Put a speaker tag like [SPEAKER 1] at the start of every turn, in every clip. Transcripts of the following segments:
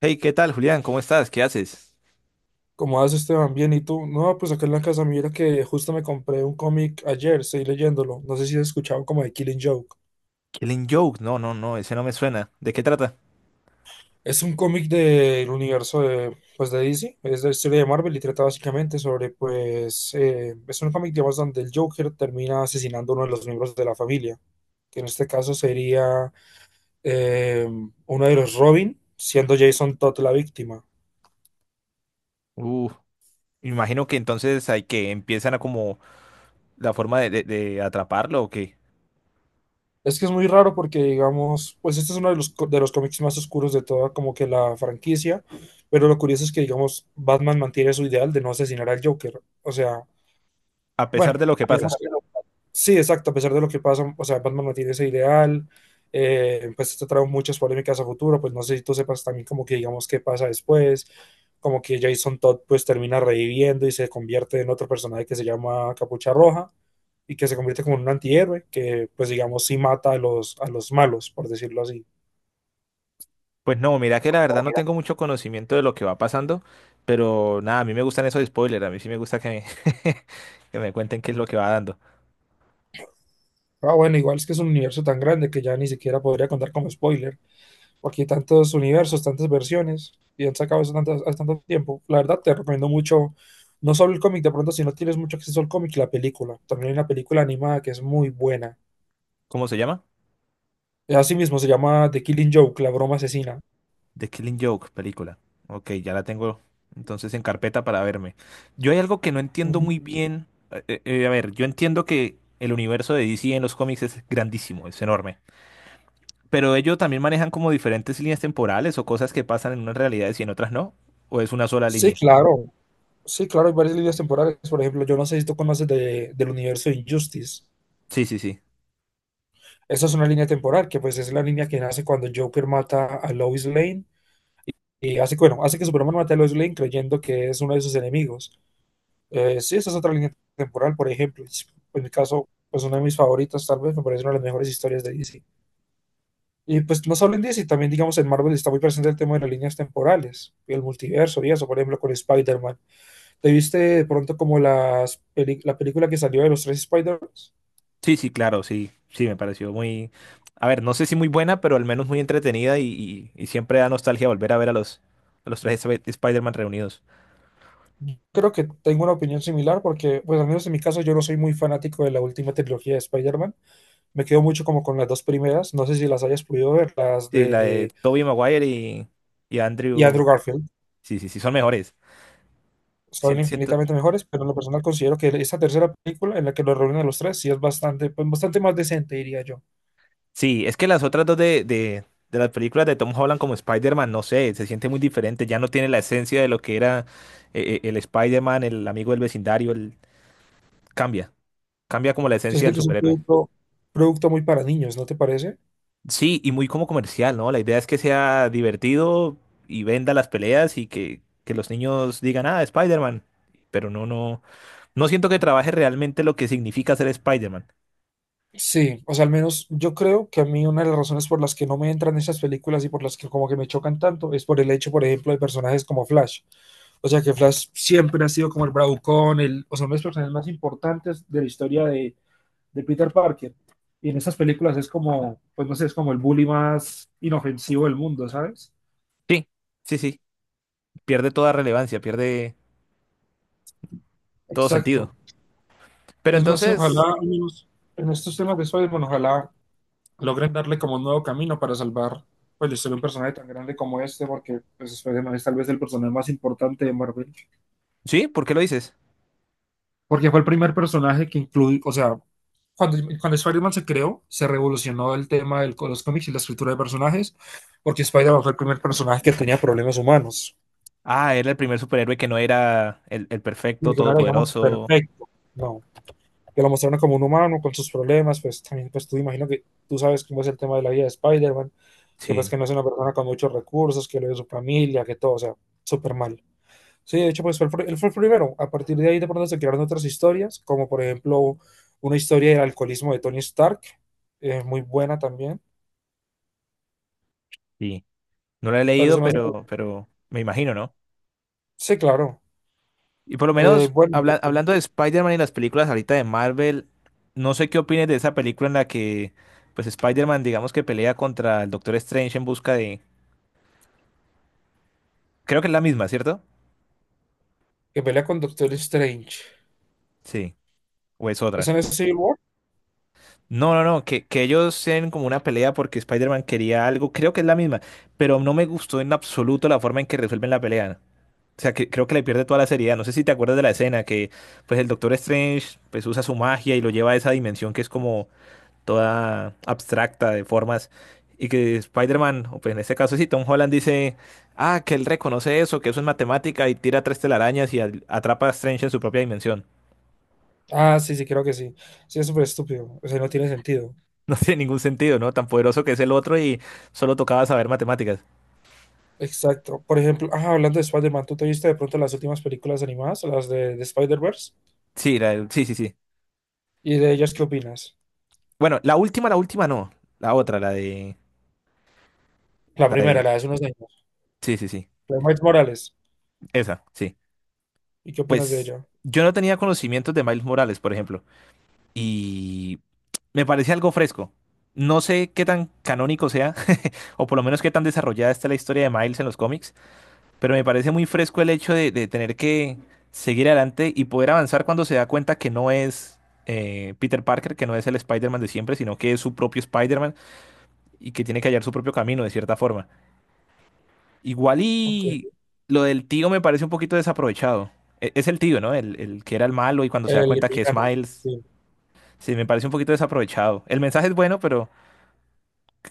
[SPEAKER 1] Hey, ¿qué tal, Julián? ¿Cómo estás? ¿Qué haces?
[SPEAKER 2] ¿Cómo vas, Esteban? Bien, ¿y tú? No, pues acá en la casa, mira que justo me compré un cómic ayer, estoy leyéndolo. No sé si has escuchado como de Killing Joke.
[SPEAKER 1] Killing Joke. No, no, no, ese no me suena. ¿De qué trata?
[SPEAKER 2] Es un cómic del universo de, pues, de DC, es la historia de Marvel y trata básicamente sobre, pues, es un cómic, digamos, donde el Joker termina asesinando a uno de los miembros de la familia, que en este caso sería eh, uno de los Robin, siendo Jason Todd la víctima.
[SPEAKER 1] Uh, imagino que entonces hay que empiezan a como la forma de, de atraparlo o qué.
[SPEAKER 2] Es que es muy raro porque, digamos, pues este es uno de los, de los cómics más oscuros de toda como que la franquicia, pero lo curioso es que, digamos, Batman mantiene su ideal de no asesinar al Joker. O sea,
[SPEAKER 1] A pesar
[SPEAKER 2] bueno,
[SPEAKER 1] de lo que pasa.
[SPEAKER 2] digamos que... Sí, exacto, a pesar de lo que pasa, o sea, Batman no tiene ese ideal, pues esto trae muchas polémicas a futuro, pues no sé si tú sepas también como que digamos qué pasa después, como que Jason Todd pues termina reviviendo y se convierte en otro personaje que se llama Capucha Roja y que se convierte como en un antihéroe, que pues digamos sí mata a los malos, por decirlo así.
[SPEAKER 1] Pues no, mira que la verdad no tengo mucho conocimiento de lo que va pasando, pero nada, a mí me gustan esos spoilers, a mí sí me gusta que me, que me cuenten qué es lo que va dando.
[SPEAKER 2] Ah, bueno, igual es que es un universo tan grande que ya ni siquiera podría contar como spoiler. Porque hay tantos universos, tantas versiones, y han sacado eso tanto, hace tanto tiempo. La verdad, te recomiendo mucho, no solo el cómic, de pronto, si no tienes mucho acceso al cómic, la película. También hay una película animada que es muy buena.
[SPEAKER 1] ¿Cómo se llama?
[SPEAKER 2] Así mismo se llama The Killing Joke, la broma asesina.
[SPEAKER 1] The Killing Joke, película. Ok, ya la tengo entonces en carpeta para verme. Yo hay algo que no entiendo
[SPEAKER 2] Ujú.
[SPEAKER 1] muy bien. A ver, yo entiendo que el universo de DC en los cómics es grandísimo, es enorme. Pero ellos también manejan como diferentes líneas temporales o cosas que pasan en unas realidades y en otras no. ¿O es una sola
[SPEAKER 2] Sí,
[SPEAKER 1] línea?
[SPEAKER 2] claro. Sí, claro, hay varias líneas temporales. Por ejemplo, yo no sé si tú conoces del universo de Injustice.
[SPEAKER 1] Sí, sí, sí.
[SPEAKER 2] Esa es una línea temporal que pues es la línea que nace cuando Joker mata a Lois Lane y hace, bueno, hace que Superman mate a Lois Lane creyendo que es uno de sus enemigos. Sí, esa es otra línea temporal, por ejemplo. En mi caso, pues una de mis favoritas, tal vez, me parece una de las mejores historias de DC. Y pues no solo en DC, también digamos en Marvel está muy presente el tema de las líneas temporales y el multiverso y eso, por ejemplo, con Spider-Man. ¿Te viste de pronto como las la película que salió de los tres spider man?
[SPEAKER 1] Sí, sí, claro, sí. Sí, me pareció muy... A ver, no sé si muy buena, pero al menos muy entretenida y siempre da nostalgia volver a ver a los tres Spider-Man reunidos.
[SPEAKER 2] Creo que tengo una opinión similar porque, pues al menos en mi caso, yo no soy muy fanático de la última trilogía de Spider-Man. Me quedo mucho como con las dos primeras. No sé si las hayas podido ver, las
[SPEAKER 1] Sí, la de
[SPEAKER 2] de...
[SPEAKER 1] Tobey Maguire y
[SPEAKER 2] Y
[SPEAKER 1] Andrew.
[SPEAKER 2] Andrew Garfield.
[SPEAKER 1] Sí, sí, sí, son mejores.
[SPEAKER 2] Son
[SPEAKER 1] Siento, siento-
[SPEAKER 2] infinitamente mejores, pero en lo personal considero que esta tercera película en la que los reúnen a los tres sí es bastante, pues, bastante más decente, diría yo.
[SPEAKER 1] Sí, es que las otras dos de, de las películas de Tom Holland como Spider-Man, no sé, se siente muy diferente. Ya no tiene la esencia de lo que era el Spider-Man, el amigo del vecindario. El... Cambia, cambia como la
[SPEAKER 2] Se
[SPEAKER 1] esencia
[SPEAKER 2] siente
[SPEAKER 1] del
[SPEAKER 2] que es un
[SPEAKER 1] superhéroe.
[SPEAKER 2] producto, producto muy para niños, ¿no te parece?
[SPEAKER 1] Sí, y muy como comercial, ¿no? La idea es que sea divertido y venda las peleas y que los niños digan, ah, Spider-Man. Pero no, no, no siento que trabaje realmente lo que significa ser Spider-Man.
[SPEAKER 2] Sí, o sea, al menos yo creo que a mí una de las razones por las que no me entran esas películas y por las que como que me chocan tanto es por el hecho, por ejemplo, de personajes como Flash. O sea, que Flash siempre ha sido como el bravucón, el, o sea, uno de los personajes más importantes de la historia de Peter Parker. Y en estas películas es como, pues no sé, es como el bully más inofensivo del mundo, ¿sabes?
[SPEAKER 1] Sí, sí, sí. Pierde toda relevancia, pierde todo sentido.
[SPEAKER 2] Exacto.
[SPEAKER 1] Pero
[SPEAKER 2] Pues no sé, ojalá,
[SPEAKER 1] entonces,
[SPEAKER 2] al menos en estos temas de Spider-Man, bueno, ojalá logren darle como un nuevo camino para salvar pues, la historia de un personaje tan grande como este, porque pues, Spider-Man es tal vez el personaje más importante de Marvel.
[SPEAKER 1] ¿sí? ¿Por qué lo dices?
[SPEAKER 2] Porque fue el primer personaje que incluye, o sea, cuando Spider-Man se creó, se revolucionó el tema de los cómics y la escritura de personajes, porque Spider-Man fue el primer personaje que tenía problemas humanos.
[SPEAKER 1] Ah, era el primer superhéroe que no era el perfecto,
[SPEAKER 2] Porque no era, digamos,
[SPEAKER 1] todopoderoso.
[SPEAKER 2] perfecto, no. Que lo mostraron como un humano con sus problemas, pues también, pues tú imagino que tú sabes cómo es el tema de la vida de Spider-Man, que pues
[SPEAKER 1] Sí,
[SPEAKER 2] que no es una persona con muchos recursos, que lo de su familia, que todo, o sea, súper mal. Sí, de hecho, pues fue el, él fue el primero. A partir de ahí, de pronto se crearon otras historias, como por ejemplo una historia del alcoholismo de Tony Stark, muy buena también.
[SPEAKER 1] sí. No lo he
[SPEAKER 2] Pero
[SPEAKER 1] leído,
[SPEAKER 2] se me hace.
[SPEAKER 1] pero me imagino, ¿no?
[SPEAKER 2] Sí, claro.
[SPEAKER 1] Y por lo
[SPEAKER 2] Eh,
[SPEAKER 1] menos,
[SPEAKER 2] bueno, pues, eh,
[SPEAKER 1] hablando de Spider-Man y las películas ahorita de Marvel, no sé qué opines de esa película en la que, pues, Spider-Man, digamos que pelea contra el Doctor Strange en busca de... Creo que es la misma, ¿cierto?
[SPEAKER 2] que pelea con Doctor Strange.
[SPEAKER 1] Sí. ¿O es
[SPEAKER 2] ¿Eso
[SPEAKER 1] otra?
[SPEAKER 2] no es Civil War?
[SPEAKER 1] No, no, no, que ellos tienen como una pelea porque Spider-Man quería algo, creo que es la misma, pero no me gustó en absoluto la forma en que resuelven la pelea. O sea, que creo que le pierde toda la seriedad. No sé si te acuerdas de la escena que pues el Doctor Strange pues usa su magia y lo lleva a esa dimensión que es como toda abstracta de formas y que Spider-Man, o pues en este caso sí, Tom Holland dice, ah, que él reconoce eso, que eso es matemática y tira tres telarañas y atrapa a Strange en su propia dimensión.
[SPEAKER 2] Ah, sí, sí, creo que sí. Sí, es súper estúpido. O sea, no tiene sentido.
[SPEAKER 1] No tiene ningún sentido, ¿no? Tan poderoso que es el otro y solo tocaba saber matemáticas.
[SPEAKER 2] Exacto. Por ejemplo, ah, hablando de Spider-Man, ¿tú te viste de pronto las últimas películas animadas, las de Spider-Verse?
[SPEAKER 1] Sí, sí, sí, sí.
[SPEAKER 2] ¿Y de ellas qué opinas?
[SPEAKER 1] Bueno, la última no. La otra,
[SPEAKER 2] La
[SPEAKER 1] la
[SPEAKER 2] primera,
[SPEAKER 1] de,
[SPEAKER 2] la de hace unos años,
[SPEAKER 1] sí, sí, sí.
[SPEAKER 2] la de Miles Morales.
[SPEAKER 1] Esa, sí.
[SPEAKER 2] ¿Y qué opinas de
[SPEAKER 1] Pues
[SPEAKER 2] ella?
[SPEAKER 1] yo no tenía conocimientos de Miles Morales, por ejemplo, y me parece algo fresco. No sé qué tan canónico sea, o por lo menos qué tan desarrollada está la historia de Miles en los cómics, pero me parece muy fresco el hecho de tener que seguir adelante y poder avanzar cuando se da cuenta que no es Peter Parker, que no es el Spider-Man de siempre, sino que es su propio Spider-Man y que tiene que hallar su propio camino de cierta forma. Igual
[SPEAKER 2] Ok,
[SPEAKER 1] y lo del tío me parece un poquito desaprovechado. Es el tío, ¿no? El que era el malo y cuando se da
[SPEAKER 2] el
[SPEAKER 1] cuenta que es
[SPEAKER 2] villano,
[SPEAKER 1] Miles,
[SPEAKER 2] sí.
[SPEAKER 1] sí, me parece un poquito desaprovechado. El mensaje es bueno, pero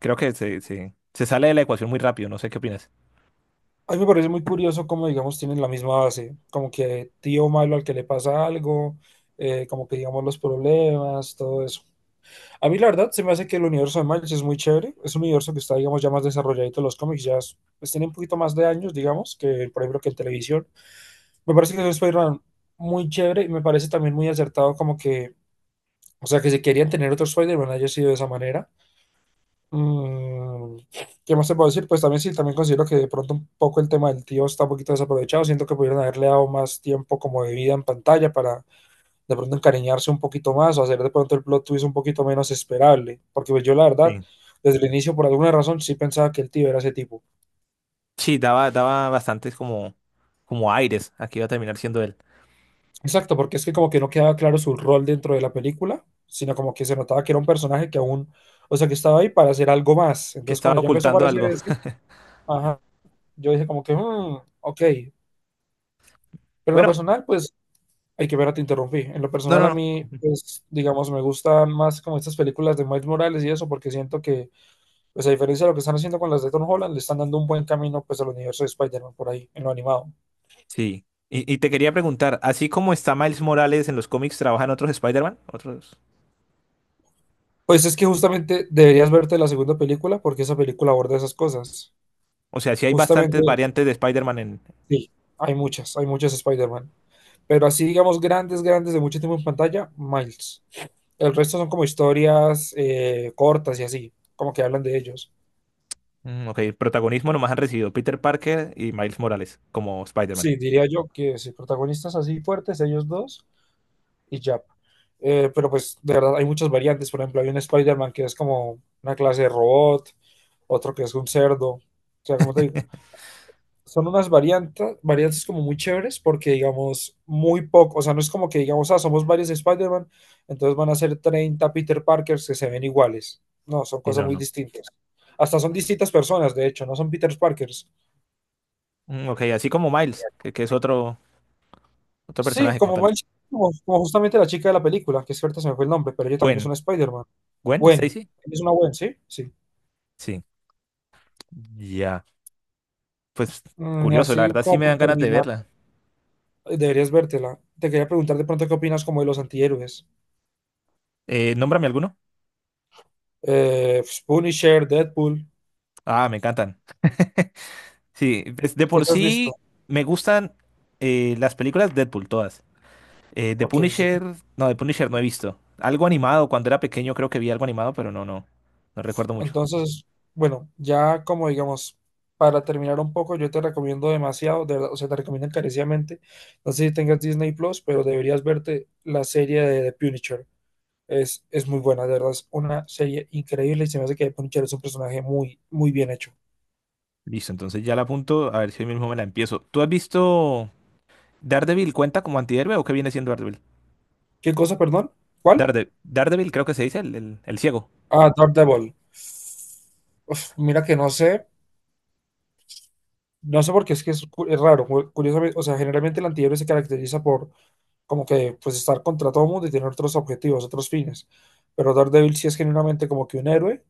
[SPEAKER 1] creo que se sale de la ecuación muy rápido, no sé qué opinas.
[SPEAKER 2] A mí me parece muy curioso cómo, digamos, tienen la misma base. Como que tío malo al que le pasa algo, como que, digamos, los problemas, todo eso. A mí la verdad se me hace que el universo de Miles es muy chévere, es un universo que está, digamos, ya más desarrolladito en los cómics, pues tiene un poquito más de años, digamos, que por ejemplo que en televisión. Me parece que es un Spider-Man muy chévere y me parece también muy acertado como que, o sea, que si querían tener otro Spider-Man haya sido de esa manera. Mm, ¿Qué más te puedo decir? Pues también sí, también considero que de pronto un poco el tema del tío está un poquito desaprovechado, siento que pudieran haberle dado más tiempo como de vida en pantalla para de pronto encariñarse un poquito más o hacer de pronto el plot twist un poquito menos esperable, porque pues yo la verdad,
[SPEAKER 1] Sí.
[SPEAKER 2] desde el inicio por alguna razón sí pensaba que el tío era ese tipo.
[SPEAKER 1] Sí, daba, daba bastantes como, como aires a que iba a terminar siendo él,
[SPEAKER 2] Exacto, porque es que como que no quedaba claro su rol dentro de la película, sino como que se notaba que era un personaje que aún, o sea, que estaba ahí para hacer algo más.
[SPEAKER 1] que
[SPEAKER 2] Entonces
[SPEAKER 1] estaba
[SPEAKER 2] cuando ya empezó a
[SPEAKER 1] ocultando
[SPEAKER 2] aparecer
[SPEAKER 1] algo.
[SPEAKER 2] ese, ajá, yo dije como que, "Mm, ok, pero en lo
[SPEAKER 1] Bueno,
[SPEAKER 2] personal, pues...". Hay que ver, te interrumpí. En lo
[SPEAKER 1] no,
[SPEAKER 2] personal,
[SPEAKER 1] no,
[SPEAKER 2] a
[SPEAKER 1] no.
[SPEAKER 2] mí, pues, digamos, me gustan más como estas películas de Miles Morales y eso, porque siento que pues a diferencia de lo que están haciendo con las de Tom Holland, le están dando un buen camino pues al universo de Spider-Man por ahí, en lo animado.
[SPEAKER 1] Sí. Y te quería preguntar, así como está Miles Morales en los cómics, ¿trabajan otros Spider-Man? Otros.
[SPEAKER 2] Pues es que justamente deberías verte la segunda película porque esa película aborda esas cosas.
[SPEAKER 1] O sea, sí hay
[SPEAKER 2] Justamente,
[SPEAKER 1] bastantes variantes de Spider-Man en,
[SPEAKER 2] sí, hay muchas Spider-Man. Pero así, digamos, grandes, grandes de mucho tiempo en pantalla, Miles. El resto son como historias cortas y así, como que hablan de ellos.
[SPEAKER 1] mm, ok, protagonismo nomás han recibido Peter Parker y Miles Morales como Spider-Man.
[SPEAKER 2] Sí, diría yo que sí, protagonistas así fuertes, ellos dos, y ya. Pero pues de verdad hay muchas variantes. Por ejemplo, hay un Spider-Man que es como una clase de robot, otro que es un cerdo. O sea, como te digo, son unas variantes, variantes como muy chéveres porque digamos muy poco, o sea, no es como que digamos, ah, somos varios Spider-Man, entonces van a ser 30 Peter Parkers que se ven iguales. No, son
[SPEAKER 1] Sí,
[SPEAKER 2] cosas
[SPEAKER 1] no,
[SPEAKER 2] muy
[SPEAKER 1] no.
[SPEAKER 2] distintas. Hasta son distintas personas, de hecho, no son Peter Parkers.
[SPEAKER 1] Mm, ok, así como Miles, que es otro, otro
[SPEAKER 2] Sí,
[SPEAKER 1] personaje como
[SPEAKER 2] como
[SPEAKER 1] tal.
[SPEAKER 2] Miles- como, como justamente la chica de la película, que es cierto, se me fue el nombre, pero ella también es
[SPEAKER 1] Gwen.
[SPEAKER 2] una Spider-Man.
[SPEAKER 1] ¿Gwen?
[SPEAKER 2] Gwen,
[SPEAKER 1] ¿Stacy?
[SPEAKER 2] es una Gwen, ¿sí? Sí.
[SPEAKER 1] Sí. Ya. Pues
[SPEAKER 2] Mm, y
[SPEAKER 1] curioso, la
[SPEAKER 2] así
[SPEAKER 1] verdad sí
[SPEAKER 2] como
[SPEAKER 1] me
[SPEAKER 2] por
[SPEAKER 1] dan ganas de
[SPEAKER 2] terminar,
[SPEAKER 1] verla.
[SPEAKER 2] deberías vértela. Te quería preguntar de pronto qué opinas como de los antihéroes.
[SPEAKER 1] Nómbrame alguno.
[SPEAKER 2] Pues, Punisher, Deadpool,
[SPEAKER 1] Ah, me encantan. Sí, pues, de
[SPEAKER 2] ¿qué
[SPEAKER 1] por
[SPEAKER 2] te has visto?
[SPEAKER 1] sí me gustan las películas Deadpool, todas. Eh, The
[SPEAKER 2] Ok, sí.
[SPEAKER 1] Punisher, no, The Punisher no he visto. Algo animado, cuando era pequeño creo que vi algo animado, pero no, no, no recuerdo mucho.
[SPEAKER 2] Entonces, bueno, ya como digamos, para terminar un poco, yo te recomiendo demasiado, de verdad, o sea, te recomiendo encarecidamente. No sé si tengas Disney Plus, pero deberías verte la serie de The Punisher. Es muy buena, de verdad, es una serie increíble y se me hace que Punisher es un personaje muy, muy bien hecho.
[SPEAKER 1] Listo, entonces ya la apunto, a ver si hoy mismo me la empiezo. ¿Tú has visto Daredevil cuenta como antihéroe o qué viene siendo Daredevil?
[SPEAKER 2] ¿Qué cosa, perdón? ¿Cuál?
[SPEAKER 1] Daredevil creo que se dice el, el ciego.
[SPEAKER 2] Ah, Daredevil. Uf, mira que no sé, no sé por qué es que es, es raro, curiosamente, o sea, generalmente el antihéroe se caracteriza por como que pues estar contra todo mundo y tener otros objetivos, otros fines, pero Daredevil sí es genuinamente como que un héroe,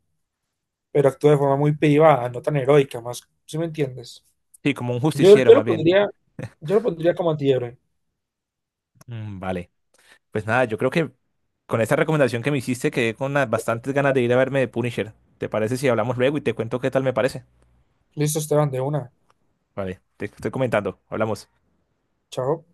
[SPEAKER 2] pero actúa de forma muy privada, no tan heroica, más, ¿si me entiendes?
[SPEAKER 1] Sí, como un
[SPEAKER 2] Yo,
[SPEAKER 1] justiciero
[SPEAKER 2] yo lo
[SPEAKER 1] más bien.
[SPEAKER 2] pondría, yo lo pondría como antihéroe.
[SPEAKER 1] Mm, vale, pues nada, yo creo que con esta recomendación que me hiciste quedé con unas bastantes ganas de ir a verme de Punisher. ¿Te parece si hablamos luego y te cuento qué tal me parece?
[SPEAKER 2] Listo, Esteban, de una.
[SPEAKER 1] Vale, te estoy comentando, hablamos.
[SPEAKER 2] Chao.